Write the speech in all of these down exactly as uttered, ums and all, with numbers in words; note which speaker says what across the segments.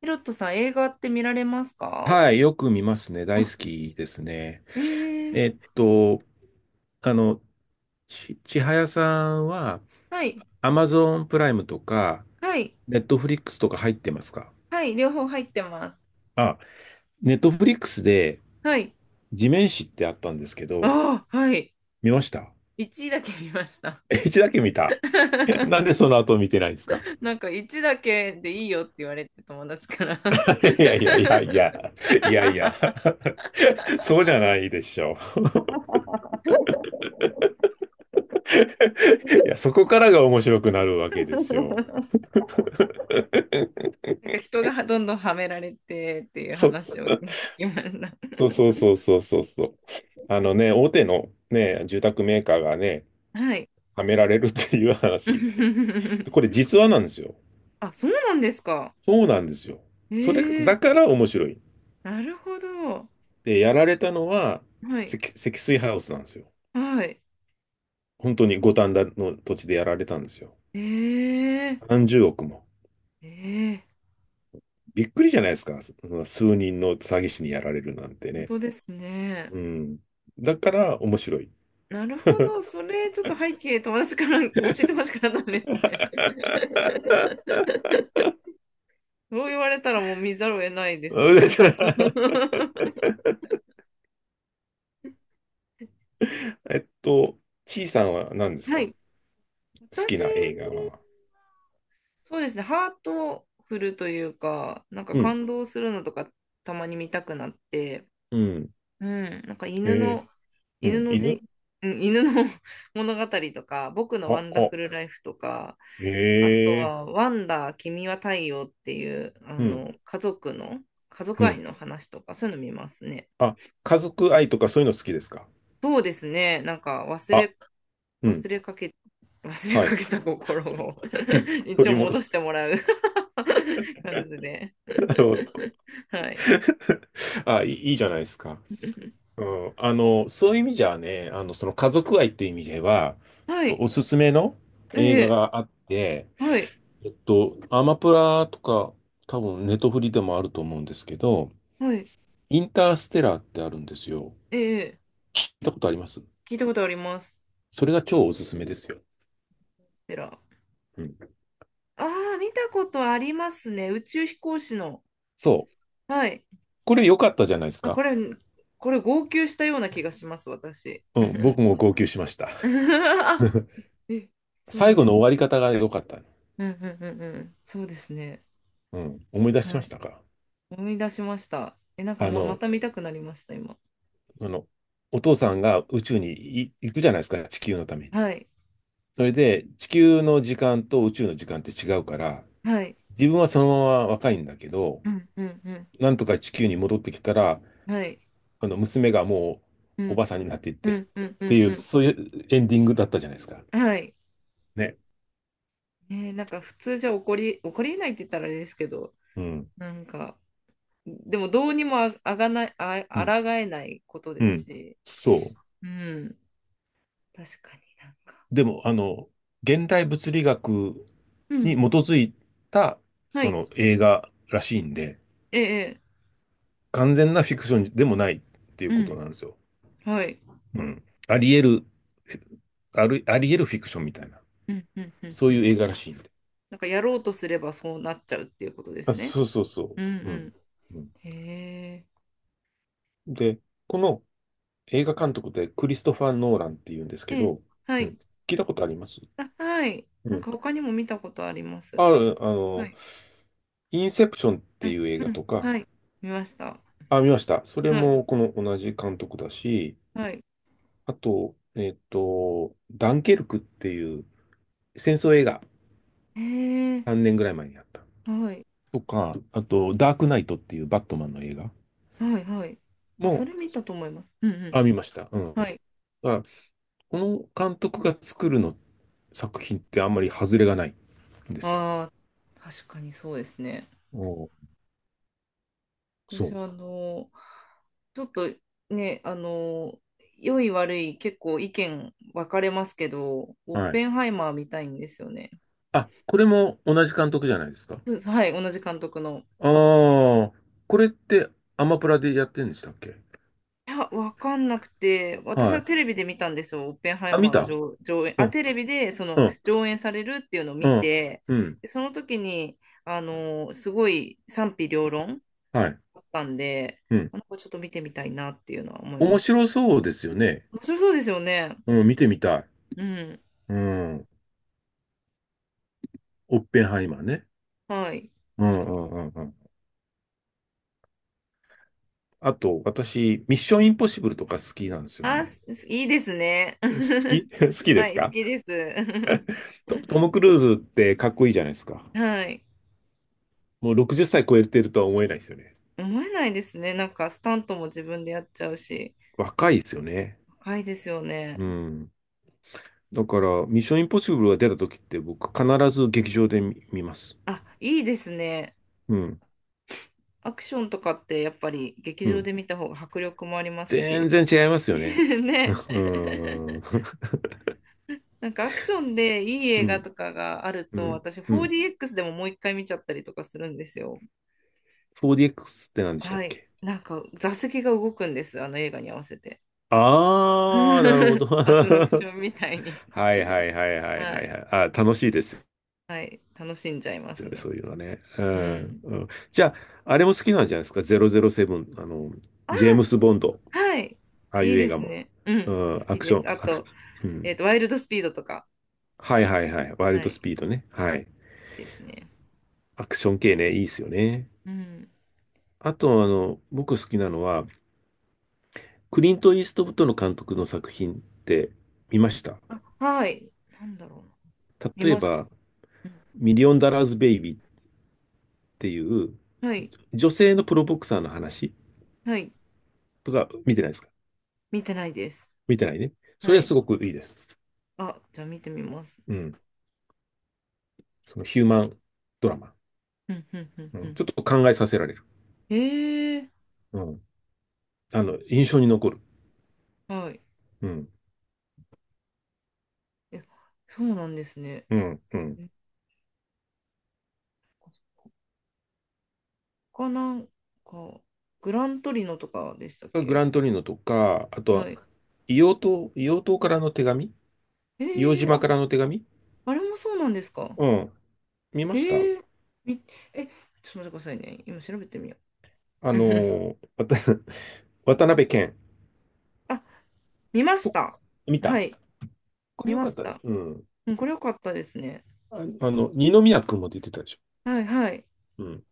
Speaker 1: ヒロトさん、映画って見られますか？
Speaker 2: はい、よく見ますね。大
Speaker 1: あ、
Speaker 2: 好きですね。
Speaker 1: えー、
Speaker 2: えっと、あの、ち、ちはやさんは、
Speaker 1: はい、
Speaker 2: アマゾンプライムとか、
Speaker 1: はい、
Speaker 2: ネットフリックスとか入ってますか？
Speaker 1: はい、両方入ってます。
Speaker 2: あ、ネットフリックスで、
Speaker 1: はい。
Speaker 2: 地面師ってあったんですけど、
Speaker 1: ああ、はい。
Speaker 2: 見ました？
Speaker 1: いちだけ見ました。
Speaker 2: いちだけ見た。なんで その後見てないんですか？
Speaker 1: なんかいちだけでいいよって言われて友達から。
Speaker 2: いやいやいやいや、いやいや、そうじゃないでしょう。いや、そこからが面白くなるわけですよ。
Speaker 1: なんか人がどんどんはめられてっていう
Speaker 2: そ
Speaker 1: 話を聞きまし
Speaker 2: そうそうそうそうそうそう。あのね、大手のね、住宅メーカーがね、
Speaker 1: た。はい。
Speaker 2: はめられるっていう話。これ 実話なんですよ。
Speaker 1: あ、そうなんですか。
Speaker 2: そうなんですよ。
Speaker 1: え
Speaker 2: それだ
Speaker 1: ー、
Speaker 2: から面白い。
Speaker 1: なるほど。
Speaker 2: で、やられたのは
Speaker 1: はい。
Speaker 2: 積、積水ハウスなんですよ。
Speaker 1: はい。
Speaker 2: 本当に
Speaker 1: そう
Speaker 2: 五反田の土地でやられたんですよ。
Speaker 1: えー、
Speaker 2: 何十億も。
Speaker 1: ええ、
Speaker 2: びっくりじゃないですか。そその数人の詐欺師にやられるなんて
Speaker 1: 本
Speaker 2: ね。
Speaker 1: 当ですね。
Speaker 2: うん。だから面白い。
Speaker 1: なるほ ど、それちょっと背景、友達から 教えてほしくなったんですね。そう言われたらもう見ざるを得ないです。
Speaker 2: えっと、ちいさんは何です
Speaker 1: は
Speaker 2: か？
Speaker 1: い、
Speaker 2: 好き
Speaker 1: 私、
Speaker 2: な映画は。
Speaker 1: そうですね、ハートフルというか、なんか
Speaker 2: うん、
Speaker 1: 感動するのとかたまに見たくなって、
Speaker 2: うん、
Speaker 1: うん、なんか
Speaker 2: え
Speaker 1: 犬
Speaker 2: え、
Speaker 1: の、
Speaker 2: う
Speaker 1: 犬
Speaker 2: ん、
Speaker 1: の
Speaker 2: 犬、
Speaker 1: じ、うん犬の 物語とか、僕の
Speaker 2: あ、
Speaker 1: ワンダ
Speaker 2: あ、
Speaker 1: フルライフとか、
Speaker 2: へ
Speaker 1: あと
Speaker 2: え、
Speaker 1: は、ワンダー、君は太陽っていう、あ
Speaker 2: うん、
Speaker 1: の、家族の、家
Speaker 2: う
Speaker 1: 族愛
Speaker 2: ん。
Speaker 1: の話とか、そういうの見ますね。
Speaker 2: あ、家族愛とかそういうの好きですか？
Speaker 1: そうですね、なんか忘
Speaker 2: あ、
Speaker 1: れ、
Speaker 2: う
Speaker 1: 忘
Speaker 2: ん、
Speaker 1: れかけ、忘れ
Speaker 2: は
Speaker 1: か
Speaker 2: い。
Speaker 1: けた心を 一応
Speaker 2: 取り戻
Speaker 1: 戻
Speaker 2: す。
Speaker 1: してもらう 感じで。
Speaker 2: なるほど。
Speaker 1: はい。
Speaker 2: あ、いい、いいじゃないですか。うん、あの、そういう意味じゃね、あの、その家族愛っていう意味では、
Speaker 1: は
Speaker 2: と
Speaker 1: い。
Speaker 2: おすすめの
Speaker 1: え
Speaker 2: 映画
Speaker 1: え、
Speaker 2: があって、
Speaker 1: はい。
Speaker 2: えっと、アマプラとか、多分ネトフリでもあると思うんですけど、
Speaker 1: はい。はい、
Speaker 2: インターステラーってあるんですよ。
Speaker 1: ええ。
Speaker 2: 聞いたことあります？
Speaker 1: 聞いたことあります。
Speaker 2: それが超おすすめですよ。
Speaker 1: テラ。
Speaker 2: うん。
Speaker 1: ああ、見たことありますね。宇宙飛行士の。
Speaker 2: そう。
Speaker 1: はい。
Speaker 2: これ良かったじゃないです
Speaker 1: あ、
Speaker 2: か。
Speaker 1: これ、これ、号泣したような気がします、私。
Speaker 2: うん。僕も号泣しました。
Speaker 1: あ、え、そうな
Speaker 2: 最
Speaker 1: ん
Speaker 2: 後
Speaker 1: で
Speaker 2: の終わ
Speaker 1: す。
Speaker 2: り方が良かった。
Speaker 1: うんうんうんうん。そうですね。
Speaker 2: うん。思い出しま
Speaker 1: は
Speaker 2: し
Speaker 1: い。
Speaker 2: たか？
Speaker 1: 思い出しました。え、なんか
Speaker 2: あ
Speaker 1: もう、ま
Speaker 2: の、
Speaker 1: た見たくなりました、今。
Speaker 2: その、お父さんが宇宙にい行くじゃないですか。地球のために。
Speaker 1: はい。
Speaker 2: それで、地球の時間と宇宙の時間って違うから、
Speaker 1: はい。
Speaker 2: 自分はそのまま若いんだけど、
Speaker 1: うんうんう
Speaker 2: なんとか地球に戻ってきたら、
Speaker 1: ん。はい。
Speaker 2: あの、娘がも
Speaker 1: う
Speaker 2: うおば
Speaker 1: ん
Speaker 2: さんになっていっ
Speaker 1: う
Speaker 2: て、っ
Speaker 1: んうんう
Speaker 2: て
Speaker 1: ん
Speaker 2: いう、
Speaker 1: う
Speaker 2: そういうエンディングだったじゃないですか。
Speaker 1: ん。はい。
Speaker 2: ね。
Speaker 1: ねえ、なんか普通じゃ起こり、起こりえないって言ったらあれですけど、
Speaker 2: うん。
Speaker 1: なんか、でもどうにもああがない、あ、
Speaker 2: うん。
Speaker 1: 抗えないこと
Speaker 2: う
Speaker 1: です
Speaker 2: ん。
Speaker 1: し、
Speaker 2: そう。
Speaker 1: うん、確かになんか。
Speaker 2: でも、あの、現代物理学
Speaker 1: う
Speaker 2: に基
Speaker 1: ん、
Speaker 2: づいた、
Speaker 1: は
Speaker 2: そ
Speaker 1: い、
Speaker 2: の映画らしいんで、
Speaker 1: ええ、
Speaker 2: 完全なフィクションでもないっていう
Speaker 1: ええ、
Speaker 2: ことなんですよ。
Speaker 1: うん、はい、
Speaker 2: うん。あり得る、ある、あり得るフィクションみたいな、
Speaker 1: うん、うん、うん、
Speaker 2: そ
Speaker 1: う
Speaker 2: ういう
Speaker 1: ん。
Speaker 2: 映画らしいんで。
Speaker 1: なんかやろうとすればそうなっちゃうっていうことで
Speaker 2: あ、
Speaker 1: すね。
Speaker 2: そうそうそ
Speaker 1: うん
Speaker 2: う。う
Speaker 1: う
Speaker 2: ん。うん、
Speaker 1: ん。へえ。
Speaker 2: で、この映画監督でクリストファー・ノーランっていうんですけ
Speaker 1: ええ、
Speaker 2: ど、
Speaker 1: は
Speaker 2: う
Speaker 1: い。
Speaker 2: ん。聞いたことあります？
Speaker 1: あ、はい。
Speaker 2: う
Speaker 1: なん
Speaker 2: ん。
Speaker 1: か他にも見たことあります。
Speaker 2: ある、あ
Speaker 1: は
Speaker 2: の、
Speaker 1: い。
Speaker 2: インセプションっ
Speaker 1: う
Speaker 2: てい
Speaker 1: ん、
Speaker 2: う映画
Speaker 1: うん、
Speaker 2: とか、
Speaker 1: はい。見ました。
Speaker 2: あ、見ました。それ
Speaker 1: はい。
Speaker 2: もこの同じ監督だし、
Speaker 1: はい。
Speaker 2: あと、えっと、ダンケルクっていう戦争映画、
Speaker 1: へえ。
Speaker 2: さんねんぐらい前にあった。
Speaker 1: はい。
Speaker 2: とか、あと、ダークナイトっていうバットマンの映画
Speaker 1: はい、はい。あ、そ
Speaker 2: も、
Speaker 1: れ見たと思います。うんう
Speaker 2: あ、見ました。うん。
Speaker 1: ん。はい。
Speaker 2: だからこの監督が作るの作品ってあんまり外れがないんですよ。
Speaker 1: ああ、確かにそうですね。
Speaker 2: おう
Speaker 1: 私
Speaker 2: そ
Speaker 1: はあの、ちょっとね、あの、良い悪い結構意見分かれますけど、オッ
Speaker 2: う。はい。
Speaker 1: ペンハイマー見たいんですよね。
Speaker 2: あ、これも同じ監督じゃないですか。
Speaker 1: そうです、はい、同じ監督の。
Speaker 2: ああ、これってアマプラでやってんでしたっけ？
Speaker 1: いや、分かんなくて、私
Speaker 2: は
Speaker 1: は
Speaker 2: い。
Speaker 1: テレビで見たんですよ、オッペンハイ
Speaker 2: あ、
Speaker 1: マ
Speaker 2: 見
Speaker 1: ーが
Speaker 2: た。
Speaker 1: 上、上演、
Speaker 2: う
Speaker 1: あ、
Speaker 2: ん。
Speaker 1: テレビでその
Speaker 2: うん
Speaker 1: 上演されるっていうのを
Speaker 2: う
Speaker 1: 見
Speaker 2: ん。
Speaker 1: て、
Speaker 2: うん。
Speaker 1: で、その時に、あの、すごい賛否両論
Speaker 2: はい。
Speaker 1: あったんで、
Speaker 2: うん。
Speaker 1: なんかちょっと見てみたいなっていうのは思いま
Speaker 2: 面
Speaker 1: す。
Speaker 2: 白そうですよね。
Speaker 1: 面白そうですよね。
Speaker 2: うん。見てみたい。
Speaker 1: うん。
Speaker 2: うん。オッペンハイマーね。
Speaker 1: はい。
Speaker 2: うんうんうんうん。あと、私、ミッションインポッシブルとか好きなんですよ
Speaker 1: あ、
Speaker 2: ね。
Speaker 1: すいいですね。
Speaker 2: 好 き 好きで
Speaker 1: は
Speaker 2: す
Speaker 1: い、好
Speaker 2: か？
Speaker 1: きです。
Speaker 2: ト、トム・クルーズってかっこいいじゃないですか。
Speaker 1: はい。
Speaker 2: もうろくじゅっさい超えてるとは思えないですよね。
Speaker 1: 思えないですね。なんか、スタントも自分でやっちゃうし。
Speaker 2: 若いですよね。
Speaker 1: 高いですよね。
Speaker 2: うん。だから、ミッションインポッシブルが出た時って僕必ず劇場で見、見ます。
Speaker 1: あ、いいですね。
Speaker 2: うん。
Speaker 1: アクションとかって、やっぱり劇
Speaker 2: う
Speaker 1: 場
Speaker 2: ん。
Speaker 1: で見た方が迫力もありますし。
Speaker 2: 全然違います よね。
Speaker 1: ね。
Speaker 2: うん。う
Speaker 1: なんか、アクションでいい映画
Speaker 2: ん
Speaker 1: とかがある
Speaker 2: う
Speaker 1: と、
Speaker 2: ん。
Speaker 1: 私、
Speaker 2: うん。
Speaker 1: フォーディーエックス でももう一回見ちゃったりとかするんですよ。
Speaker 2: フォーディーエックス って何でした
Speaker 1: は
Speaker 2: っ
Speaker 1: い。
Speaker 2: け？
Speaker 1: なんか、座席が動くんです。あの映画に合わせて。
Speaker 2: あー、なるほ ど。
Speaker 1: アトラク ションみたいに。
Speaker 2: はいはいはいはい
Speaker 1: は
Speaker 2: はい
Speaker 1: い。
Speaker 2: はい。あ、楽しいです
Speaker 1: はい。楽しんじゃいます
Speaker 2: よね、
Speaker 1: ね。
Speaker 2: そういうのはね。う
Speaker 1: う
Speaker 2: ん。
Speaker 1: ん。
Speaker 2: うん、じゃあ、あれも好きなんじゃないですか？ ダブルオーセブン、あの、
Speaker 1: あ
Speaker 2: ジェームス・ボンド、
Speaker 1: あ、はい。
Speaker 2: ああい
Speaker 1: いい
Speaker 2: う映
Speaker 1: で
Speaker 2: 画
Speaker 1: す
Speaker 2: も。
Speaker 1: ね。う
Speaker 2: う
Speaker 1: ん。好
Speaker 2: ん、ア
Speaker 1: き
Speaker 2: クシ
Speaker 1: で
Speaker 2: ョン、
Speaker 1: す。あ
Speaker 2: アクシ
Speaker 1: と、
Speaker 2: ョン、う
Speaker 1: えっ
Speaker 2: ん。
Speaker 1: と、ワイルドスピードとか。
Speaker 2: はいはいはい。ワイル
Speaker 1: は
Speaker 2: ド
Speaker 1: い。
Speaker 2: スピードね。はい。
Speaker 1: いいですね。
Speaker 2: アクション系ね、いいですよね。
Speaker 1: うん。
Speaker 2: あと、あの、僕好きなのは、クリント・イーストウッドの監督の作品って見ました？
Speaker 1: はい。なんだろうな。見
Speaker 2: 例え
Speaker 1: ました。
Speaker 2: ば、
Speaker 1: うん。
Speaker 2: ミリオンダラーズ・ベイビーっていう
Speaker 1: はい。
Speaker 2: 女性のプロボクサーの話
Speaker 1: はい。
Speaker 2: とか見てないですか？
Speaker 1: 見てないです。
Speaker 2: 見てないね。そ
Speaker 1: は
Speaker 2: れは
Speaker 1: い。
Speaker 2: すごくいいです。
Speaker 1: あ、じゃあ見てみます。
Speaker 2: うん。そのヒューマンドラマ。
Speaker 1: うん、うん、うん、
Speaker 2: う
Speaker 1: う
Speaker 2: ん。
Speaker 1: ん。
Speaker 2: ちょっと考えさせられる。
Speaker 1: ええ、
Speaker 2: うん。あの、印象に残る。
Speaker 1: はい。
Speaker 2: うん。
Speaker 1: え、そうなんですね。
Speaker 2: うん。うん。
Speaker 1: え他なんか、グラントリノとかでしたっ
Speaker 2: グラ
Speaker 1: け？
Speaker 2: ントリーノとか、あと
Speaker 1: は
Speaker 2: は、
Speaker 1: い。
Speaker 2: 硫黄島、硫黄島からの手紙。
Speaker 1: え
Speaker 2: 硫黄
Speaker 1: ー、
Speaker 2: 島
Speaker 1: あ、
Speaker 2: からの手紙。
Speaker 1: あれもそうなんですか。
Speaker 2: うん。見ま
Speaker 1: え
Speaker 2: した？
Speaker 1: ー、み、え、ちょっと待ってくださいね。今調べてみよ
Speaker 2: あ
Speaker 1: う。
Speaker 2: のー、わた 渡辺謙
Speaker 1: あ、見まし
Speaker 2: と、
Speaker 1: た。
Speaker 2: 見た？
Speaker 1: はい、
Speaker 2: これ
Speaker 1: 見
Speaker 2: よ
Speaker 1: ま
Speaker 2: かっ
Speaker 1: し
Speaker 2: たです。
Speaker 1: た。
Speaker 2: うん。
Speaker 1: うん、これ良かったですね。
Speaker 2: ああの、二宮君も出てたでしょ。
Speaker 1: はい、はい。
Speaker 2: うん。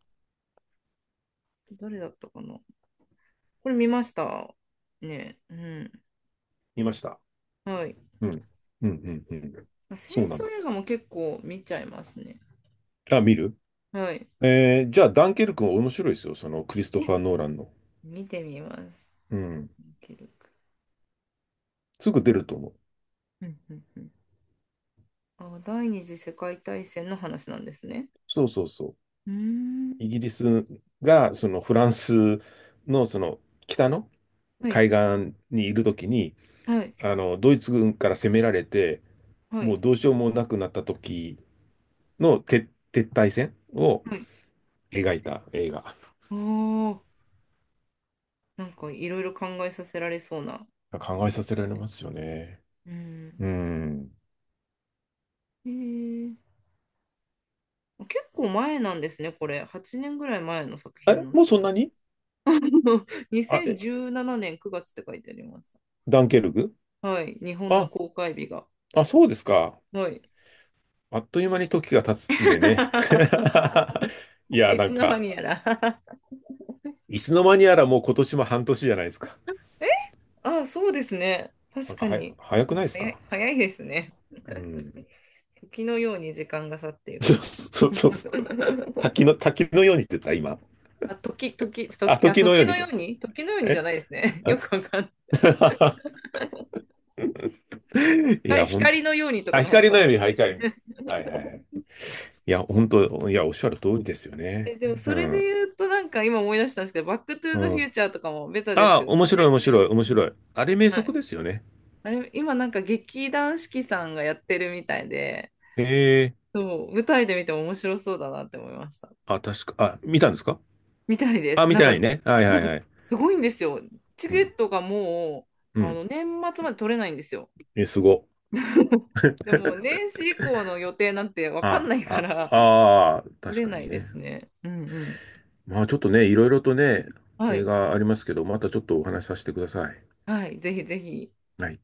Speaker 1: 誰だったかな。これ見ました。ね、うん。
Speaker 2: 見ました。
Speaker 1: はい。
Speaker 2: うん。うん、うん、うん。
Speaker 1: まあ戦
Speaker 2: そうなん
Speaker 1: 争
Speaker 2: で
Speaker 1: 映画
Speaker 2: す。
Speaker 1: も結構見ちゃいますね。
Speaker 2: あ、見る？
Speaker 1: はい。
Speaker 2: えー、じゃあ、ダンケルクも面白いですよ。その、クリストフ
Speaker 1: え、
Speaker 2: ァー・ノーランの。
Speaker 1: 見てみます。
Speaker 2: うん。
Speaker 1: 記録。
Speaker 2: すぐ出ると思う。
Speaker 1: うんうんうん、あ、第二次世界大戦の話なんですね。
Speaker 2: そうそうそう。
Speaker 1: うーん。
Speaker 2: イギリスが、その、フランスの、その、北の
Speaker 1: はい、
Speaker 2: 海岸にいるときに、
Speaker 1: はい、
Speaker 2: あの、ドイツ軍から攻められて、
Speaker 1: は
Speaker 2: も
Speaker 1: い、
Speaker 2: うどうしようもなくなった時の撤、撤退戦を
Speaker 1: はい。
Speaker 2: 描いた映画。
Speaker 1: ああ、なんかいろいろ考えさせられそうな
Speaker 2: 考
Speaker 1: 感
Speaker 2: え
Speaker 1: じ
Speaker 2: さ
Speaker 1: です
Speaker 2: せられ
Speaker 1: ね。
Speaker 2: ますよね。
Speaker 1: うん。
Speaker 2: うん。
Speaker 1: へえ、結構前なんですね、これ。はちねんぐらい前の作品
Speaker 2: え、
Speaker 1: なんで
Speaker 2: もうそ
Speaker 1: す
Speaker 2: ん
Speaker 1: ね。
Speaker 2: なに？ あ、
Speaker 1: にせんじゅうななねんくがつって書いてあります。
Speaker 2: ダンケルク？
Speaker 1: はい、日本の
Speaker 2: あ、
Speaker 1: 公開日が。
Speaker 2: あ、そうですか。
Speaker 1: はい。
Speaker 2: あっという間に時が経つんでね。いや、
Speaker 1: い
Speaker 2: な
Speaker 1: つ
Speaker 2: ん
Speaker 1: の間
Speaker 2: か、
Speaker 1: にやら。
Speaker 2: いつの間にやらもう今年も半年じゃないですか。
Speaker 1: あ、そうですね。
Speaker 2: な
Speaker 1: 確
Speaker 2: んか
Speaker 1: か
Speaker 2: はや、
Speaker 1: に。
Speaker 2: 早くないです
Speaker 1: 早い、
Speaker 2: か？
Speaker 1: 早いですね。
Speaker 2: うん。
Speaker 1: 時のように時間が去ってい く。
Speaker 2: そうそうそうそう。滝の、滝のようにって言った、今。
Speaker 1: あ、時、時、
Speaker 2: あ、
Speaker 1: 時、あ、
Speaker 2: 時のよ
Speaker 1: 時
Speaker 2: うに
Speaker 1: の
Speaker 2: と。
Speaker 1: ように時のようにじゃ
Speaker 2: え
Speaker 1: ないですね。よ
Speaker 2: え
Speaker 1: くわかん
Speaker 2: い
Speaker 1: ない。
Speaker 2: や、ほん、
Speaker 1: 光光のようにとか
Speaker 2: あ、
Speaker 1: の方が
Speaker 2: 光の
Speaker 1: 正
Speaker 2: よう
Speaker 1: し
Speaker 2: に、
Speaker 1: かっ
Speaker 2: はい、光
Speaker 1: たですね。
Speaker 2: はいはいはい。いや、本当、いや、おっしゃる通りですよ ね。
Speaker 1: え、でも
Speaker 2: う
Speaker 1: それで
Speaker 2: ん。
Speaker 1: 言うとなんか今思い出したんですけど、バックトゥー
Speaker 2: う
Speaker 1: ザフュ
Speaker 2: ん。
Speaker 1: ーチャーとかもベタです
Speaker 2: あ
Speaker 1: け
Speaker 2: あ、
Speaker 1: ど好
Speaker 2: 面
Speaker 1: き
Speaker 2: 白
Speaker 1: で
Speaker 2: い
Speaker 1: す
Speaker 2: 面白
Speaker 1: ね。
Speaker 2: い面
Speaker 1: うん。
Speaker 2: 白い。あれ名
Speaker 1: は
Speaker 2: 作
Speaker 1: い。
Speaker 2: ですよね。
Speaker 1: あれ、今なんか劇団四季さんがやってるみたいで、
Speaker 2: へえ。
Speaker 1: そう、舞台で見ても面白そうだなって思いました。
Speaker 2: あ、確か、あ、見たんですか？
Speaker 1: みたいで
Speaker 2: あ、
Speaker 1: す。
Speaker 2: 見
Speaker 1: なん
Speaker 2: てな
Speaker 1: か、
Speaker 2: いね。はいは
Speaker 1: なん
Speaker 2: いは
Speaker 1: か
Speaker 2: い。
Speaker 1: すごいんですよ。チ
Speaker 2: う
Speaker 1: ケ
Speaker 2: ん。
Speaker 1: ットがも
Speaker 2: う
Speaker 1: う、あ
Speaker 2: ん。
Speaker 1: の、年末まで取れないんですよ。
Speaker 2: え、すご。
Speaker 1: でも年始以降の予定なんてわかん
Speaker 2: あ、
Speaker 1: ないか
Speaker 2: あ、
Speaker 1: ら、
Speaker 2: ああ、
Speaker 1: 取
Speaker 2: 確
Speaker 1: れ
Speaker 2: か
Speaker 1: な
Speaker 2: に
Speaker 1: いで
Speaker 2: ね。
Speaker 1: すね。うんうん。
Speaker 2: まあちょっとね、いろいろとね、
Speaker 1: は
Speaker 2: 映
Speaker 1: い。
Speaker 2: 画ありますけど、またちょっとお話しさせてください。
Speaker 1: はい。ぜひぜひ。
Speaker 2: はい。